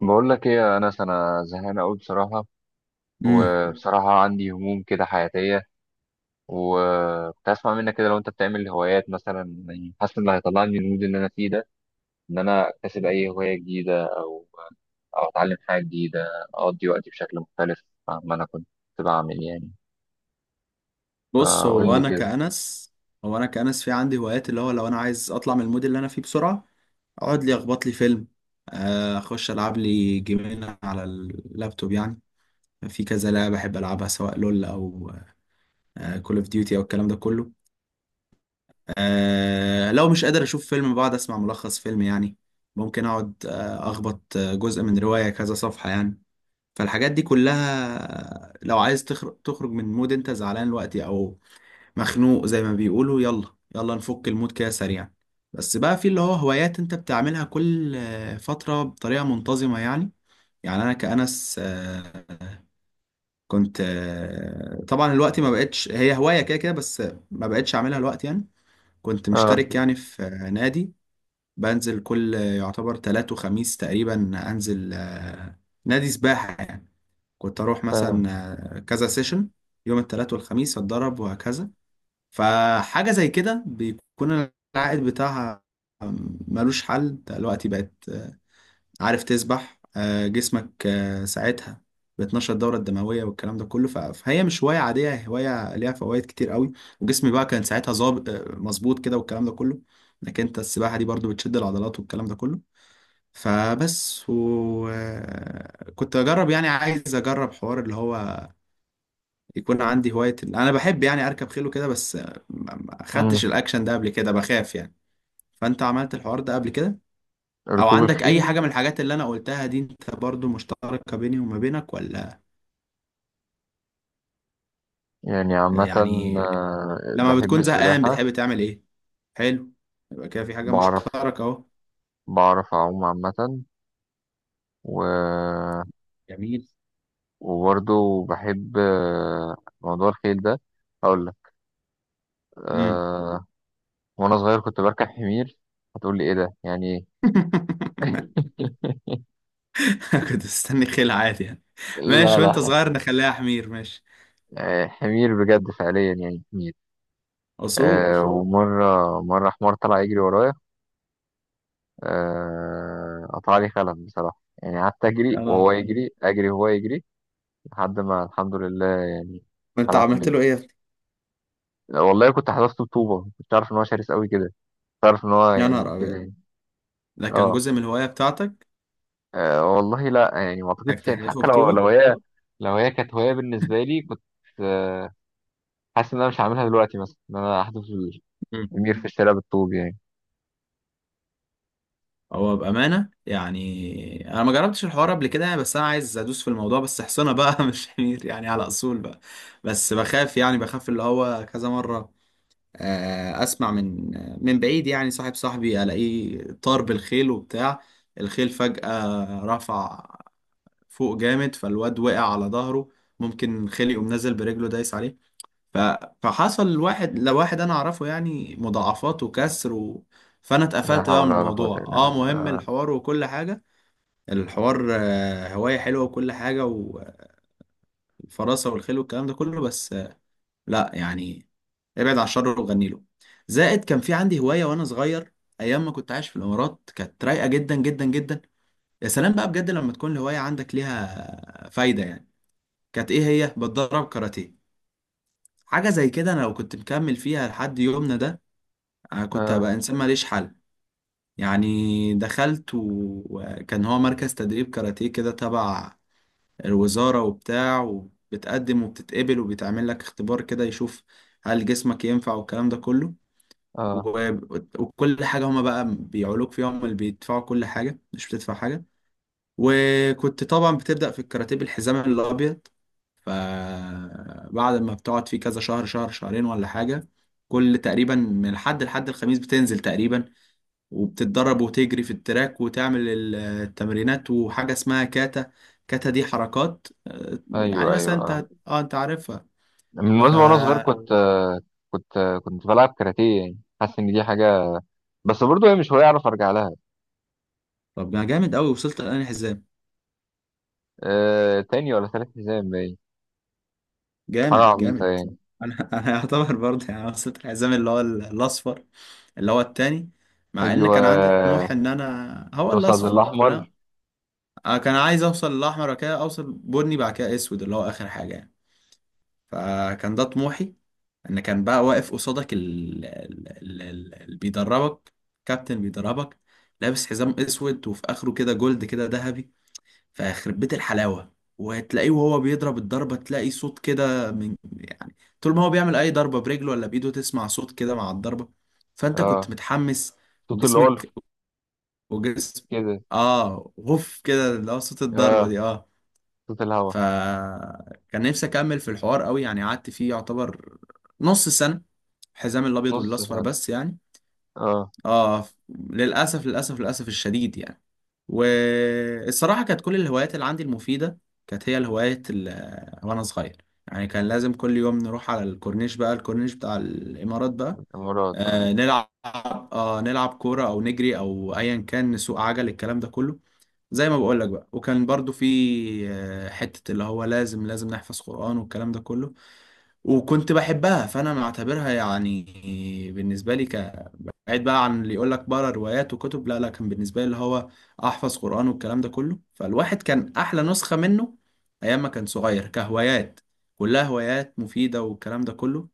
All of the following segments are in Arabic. بقول لك ايه يا انس؟ انا زهقان قوي بصراحه، امم وبصراحه عندي هموم كده حياتيه. وكنت اسمع منك كده، لو انت بتعمل هوايات مثلا، يعني حاسس ان اللي هيطلعني المود اللي انا فيه ده، ان انا اكتسب اي هوايه جديده، او اتعلم حاجه جديده، اقضي وقتي بشكل مختلف عما انا كنت بعمل يعني. بص. فقول هو لي انا كده. كأنس هو انا كأنس في عندي هوايات اللي هو لو انا عايز اطلع من المود اللي انا فيه بسرعة اقعد لي اخبط لي فيلم، اخش العب لي جيمين على اللابتوب يعني. في كذا لعبة بحب العبها سواء لول او كول اوف ديوتي او الكلام ده كله. لو مش قادر اشوف فيلم بقعد اسمع ملخص فيلم يعني. ممكن اقعد اخبط جزء من رواية كذا صفحة يعني. فالحاجات دي كلها لو عايز تخرج من مود انت زعلان دلوقتي او مخنوق زي ما بيقولوا، يلا يلا نفك المود كده سريعا. بس بقى في اللي هو هوايات انت بتعملها كل فترة بطريقة منتظمة يعني. يعني انا كأنس كنت طبعا الوقت ما بقتش هي هواية كده كده بس. ما بقتش اعملها الوقت يعني. كنت اه. مشترك يعني في نادي. بنزل كل يعتبر تلات وخميس تقريبا. انزل نادي سباحة يعني. كنت اروح فاهم. مثلا كذا سيشن، يوم التلات والخميس اتدرب وهكذا. فحاجة زي كده بيكون العائد بتاعها ملوش حل. انت دلوقتي بقت عارف تسبح، جسمك ساعتها بتنشط الدورة الدموية والكلام ده كله. فهي مش هواية عادية، هي هواية ليها فوائد كتير قوي. وجسمي بقى كان ساعتها ظابط مظبوط كده والكلام ده كله. لكن انت السباحة دي برضو بتشد العضلات والكلام ده كله. فبس، وكنت اجرب يعني عايز اجرب حوار اللي هو يكون عندي هواية. أنا بحب يعني أركب خيل وكده، بس ما خدتش أمم. الأكشن ده قبل كده، بخاف يعني. فأنت عملت الحوار ده قبل كده؟ أو ركوب عندك أي الخيل. حاجة من الحاجات اللي أنا قلتها دي أنت برضو مشتركة بيني وما بينك ولا يعني عامه، يعني؟ لما بحب بتكون زهقان السباحه. بتحب تعمل إيه؟ حلو. يبقى كده في حاجة بعرف مشتركة أهو. بعرف اعوم عامه. و جميل. وبرضه بحب موضوع الخيل ده. هقول لك. امم. أه وانا صغير كنت بركب حمير. هتقول لي ايه ده؟ يعني ايه؟ كنت مستني خيل عادي يعني. لا ماشي، وأنت لا. صغير نخليها حمير، ماشي. حمير بجد، فعليا يعني حمير. أصول. ومرة، حمار طلع يجري ورايا. قطع لي خلف بصراحة. يعني قعدت أجري يا نهار وهو أبيض. يجري، أجري وهو يجري، لحد ما الحمد لله يعني. أنت خلعت عملت منه. له إيه يا ابني؟ والله كنت حذفته بطوبة، كنت عارف إن هو شرس أوي كده، كنت عارف إن هو يا يعني نهار كده أبيض. يعني. ده كان اه. جزء من الهواية بتاعتك؟ أه، والله لا، يعني ما انك اعتقدش يعني. تحذفه حتى لو بطوبه. لو هي لو هي كانت هوايه بالنسبه لي، كنت أه، حاسس ان انا مش هعملها دلوقتي، مثلا ان انا احذف مم. المير في الشارع بالطوب يعني. هو بامانه يعني انا ما جربتش الحوار قبل كده يعني، بس انا عايز ادوس في الموضوع، بس حصانه بقى مش حمير يعني، على اصول بقى. بس بخاف يعني، بخاف اللي هو كذا مره اسمع من بعيد يعني صاحب صاحبي الاقيه طار بالخيل وبتاع. الخيل فجاه رفع فوق جامد، فالواد وقع على ظهره. ممكن خيل يقوم نازل برجله دايس عليه. ف... فحصل لواحد انا اعرفه يعني مضاعفات وكسر و. فانا لا اتقفلت بقى حول من ولا قوه الموضوع. الا اه، بالله. مهم، اه. الحوار وكل حاجة. الحوار هواية حلوة وكل حاجة، والفراسة والخيل والكلام ده كله، بس لا يعني، ابعد عن الشر وغني له. زائد كان في عندي هواية وانا صغير، ايام ما كنت عايش في الامارات كانت رايقة جدا جدا جدا. يا سلام بقى بجد لما تكون الهواية عندك ليها فايدة يعني. كانت ايه هي؟ بتدرب كاراتيه. حاجة زي كده انا لو كنت مكمل فيها لحد يومنا ده أنا كنت اه. هبقى إنسان ماليش حل. يعني دخلت وكان هو مركز تدريب كاراتيه كده تبع الوزارة وبتاع، وبتقدم وبتتقبل وبيتعمل لك اختبار كده يشوف هل جسمك ينفع والكلام ده كله. اه. و- وكل حاجة هما بقى بيعولوك فيها، هما اللي بيدفعوا كل حاجة، مش بتدفع حاجة. وكنت طبعا بتبدأ في الكاراتيه بالحزام الأبيض. فبعد ما بتقعد فيه كذا شهر، شهر شهرين ولا حاجة، كل تقريبا من الحد لحد الخميس بتنزل تقريبا، وبتتدرب وتجري في التراك وتعمل التمرينات، وحاجة اسمها كاتا. كاتا دي حركات يعني ايوه ايوه، مثلا، اه. انت عارفها. من ف وأنا صغير كنت بلعب كاراتيه، يعني حاسس ان دي حاجه، بس برضه هي مش هوايه اعرف ارجع لها. طب ما جامد قوي، وصلت لأنهي حزام؟ أه. تاني ولا تالت حزام باين. حاجه جامد عبيطه جامد. يعني. انا انا يعتبر برضه يعني وصلت الحزام اللي هو الاصفر، اللي هو التاني. مع ان ايوه. كان عندي طموح ان انا هو توصل الاصفر للاحمر. كلها. انا كان عايز اوصل الاحمر، وبعد كده اوصل بني، بعد كده اسود اللي هو اخر حاجة يعني. فكان ده طموحي. ان كان بقى واقف قصادك اللي بيدربك، كابتن بيدربك، لابس حزام اسود وفي اخره كده جولد كده، ذهبي. فيخرب بيت الحلاوه، وتلاقيه وهو بيضرب الضربه تلاقي صوت كده من يعني، طول ما هو بيعمل اي ضربه برجله ولا بايده تسمع صوت كده مع الضربه. فانت كنت اه. متحمس صوت اللي هو وجسمك وجسم. كده. اه، غف كده اللي هو صوت اه، الضربه دي، اه. صوت الهوا. فكان نفسي اكمل في الحوار قوي يعني، قعدت فيه يعتبر نص سنة، حزام الابيض نص والاصفر سنة. بس يعني. اه. اه، للاسف للاسف للاسف الشديد يعني. والصراحة كانت كل الهوايات اللي عندي المفيدة كانت هي الهوايات اللي وأنا صغير يعني. كان لازم كل يوم نروح على الكورنيش بقى، الكورنيش بتاع الإمارات بقى، الإمارات، اه. آه نلعب نلعب كورة، أو نجري، أو أيا كان، نسوق عجل، الكلام ده كله، زي ما بقول لك بقى. وكان برضو في حتة اللي هو لازم نحفظ قرآن والكلام ده كله، وكنت بحبها. فأنا معتبرها يعني بالنسبة لي بعيد بقى عن اللي يقول لك بقرا روايات وكتب، لا لا، كان بالنسبة لي اللي هو أحفظ قرآن والكلام ده كله. فالواحد كان أحلى نسخة منه أيام ما كان صغير، كهوايات كلها هوايات مفيدة والكلام ده كله.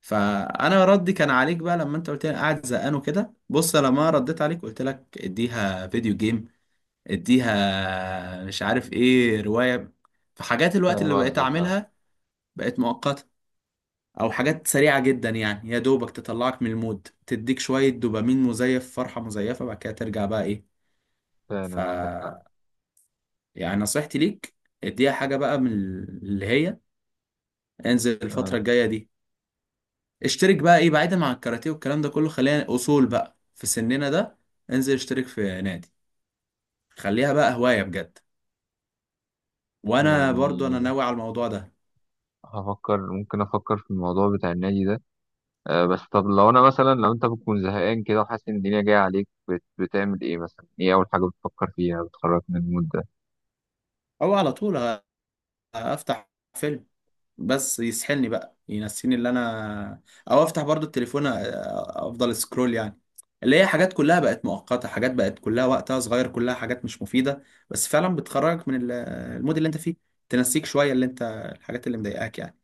فأنا ردي كان عليك بقى لما أنت قلت لي أنا قاعد زهقان وكده، بص لما رديت عليك قلت لك اديها فيديو جيم، اديها مش عارف ايه، رواية. فحاجات الوقت فاهم اللي بقيت قصدك، اه. اعملها بقت مؤقتة، او حاجات سريعة جدا يعني، يا دوبك تطلعك من المود، تديك شوية دوبامين مزيف، فرحة مزيفة، بعد كده ترجع بقى ايه. ف فعلا عندك حق. يعني نصيحتي ليك، اديها حاجة بقى من اللي هي، انزل الفترة اه، الجاية دي اشترك بقى ايه، بعيدا عن الكاراتيه والكلام ده كله، خلينا اصول بقى في سننا ده. انزل اشترك في نادي، خليها بقى هواية بجد. وانا برضو انا يعني ناوي على الموضوع ده. هفكر. ممكن أفكر في الموضوع بتاع النادي ده. آه، بس طب لو أنا مثلا، لو أنت بتكون زهقان كده وحاسس إن الدنيا جاية عليك، بتعمل إيه مثلا؟ إيه أول حاجة بتفكر فيها بتخرج من المود ده؟ او على طول افتح فيلم بس يسحلني بقى، ينسيني اللي انا، او افتح برضو التليفون، افضل سكرول يعني، اللي هي حاجات كلها بقت مؤقتة، حاجات بقت كلها وقتها صغير، كلها حاجات مش مفيدة، بس فعلا بتخرجك من المود اللي انت فيه، تنسيك شوية اللي انت، الحاجات اللي مضايقاك يعني.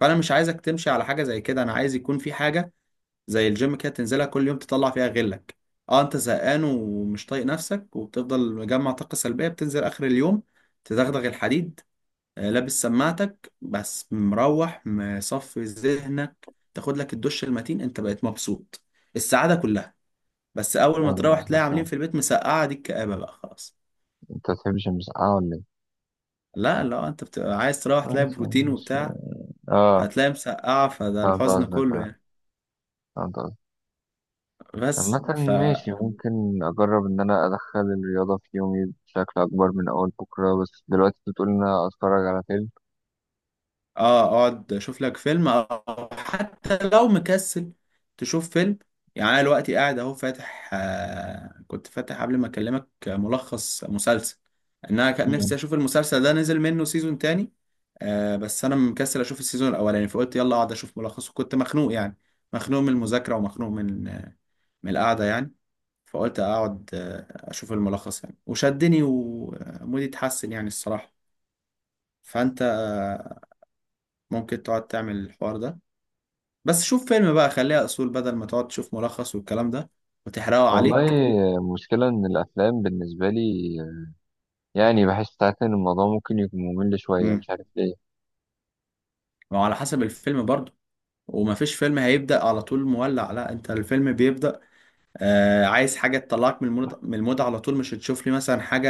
فانا مش عايزك تمشي على حاجة زي كده، انا عايز يكون في حاجة زي الجيم كده، تنزلها كل يوم تطلع فيها غلك. اه، انت زهقان ومش طايق نفسك وبتفضل مجمع طاقة سلبية، بتنزل اخر اليوم تدغدغ الحديد، لابس سماعتك، بس مروح مصفي ذهنك، تاخد لك الدش المتين، انت بقيت مبسوط، السعادة كلها. بس اول ما فاهم تروح تلاقي قصدك، عاملين اه. في البيت مسقعة، دي الكآبة بقى، خلاص. أنت ما بتحبش المسقعة ولا إيه؟ لا لا، انت بتبقى عايز تروح تلاقي ماشي، يعني بروتين مش. وبتاع، اه. فتلاقي مسقعة، فده فهمت الحزن قصدك، كله اه. يعني. فهمت. بس مثلا ف ماشي، ممكن أجرب إن أنا أدخل الرياضة في يومي بشكل أكبر من أول بكرة. بس دلوقتي أنت بتقول إن أنا أتفرج على فيلم. اه، اقعد اشوف لك فيلم، او حتى لو مكسل تشوف فيلم. يعني انا دلوقتي قاعد اهو فاتح آه كنت فاتح قبل ما اكلمك ملخص مسلسل، ان انا كان نفسي مم. اشوف المسلسل ده، نزل منه سيزون تاني. بس انا مكسل اشوف السيزون الاولاني، فقلت يلا اقعد اشوف ملخص، وكنت مخنوق يعني، مخنوق من المذاكرة، ومخنوق من القعدة يعني، فقلت اقعد آه اشوف الملخص يعني، وشدني ومودي اتحسن يعني الصراحة. فانت ممكن تقعد تعمل الحوار ده، بس شوف فيلم بقى، خليها اصول، بدل ما تقعد تشوف ملخص والكلام ده وتحرقه والله، عليك. المشكلة إن الأفلام بالنسبة لي، يعني بحس ساعات إن الموضوع ممكن يكون ممل شوية، امم مش عارف ليه. وعلى حسب الفيلم برضه. ومفيش فيلم هيبدأ على طول مولع، لا انت الفيلم بيبدأ عايز حاجة تطلعك من المود على طول. مش هتشوف لي مثلا حاجة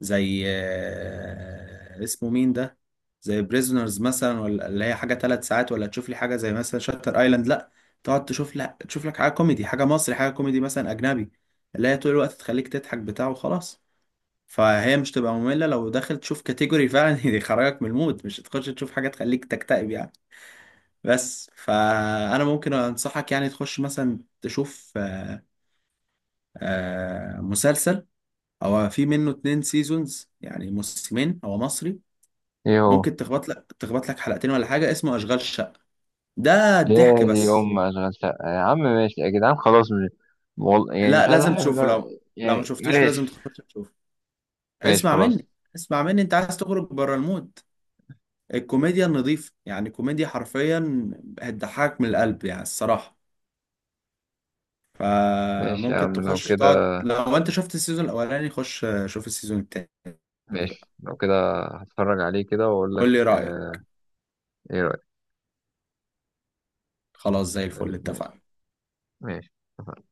زي اسمه مين ده، زي بريزونرز مثلا، ولا اللي هي حاجة 3 ساعات، ولا تشوف لي حاجة زي مثلا شاتر ايلاند، لا. تقعد تشوف لك حاجة كوميدي، حاجة مصري، حاجة كوميدي مثلا أجنبي، اللي هي طول الوقت تخليك تضحك بتاعه وخلاص. فهي مش تبقى مملة لو داخل تشوف كاتيجوري فعلا يخرجك من المود، مش تخش تشوف حاجة تخليك تكتئب يعني. بس فأنا ممكن أنصحك يعني تخش مثلا تشوف مسلسل، هو في منه 2 سيزونز يعني، موسمين، هو مصري، إيه هو؟ ممكن تخبط لك حلقتين ولا حاجة، اسمه أشغال شقة، ده يا الضحك دي بس. أم، أشغال شقة يا عم. ماشي يا جدعان، خلاص مش يعني لا مش عايز لازم أحب. تشوفه، لو ما يعني شوفتوش لازم ماشي. تخش تشوفه. ماشي اسمع خلاص. مني، اسمع مني، انت عايز تخرج بره المود، الكوميديا النظيفة يعني، كوميديا حرفيا هتضحكك من القلب يعني الصراحة. ماشي يا فممكن عم، لو تخش كده. تقعد، لو انت شفت السيزون الاولاني خش شوف السيزون التاني بقى، ماشي، لو كده هتفرج عليه كده وأقول لك قول لي رأيك، آه، إيه رأيك؟ خلاص زي الفل طيب، اتفقنا. ماشي، اتفقنا.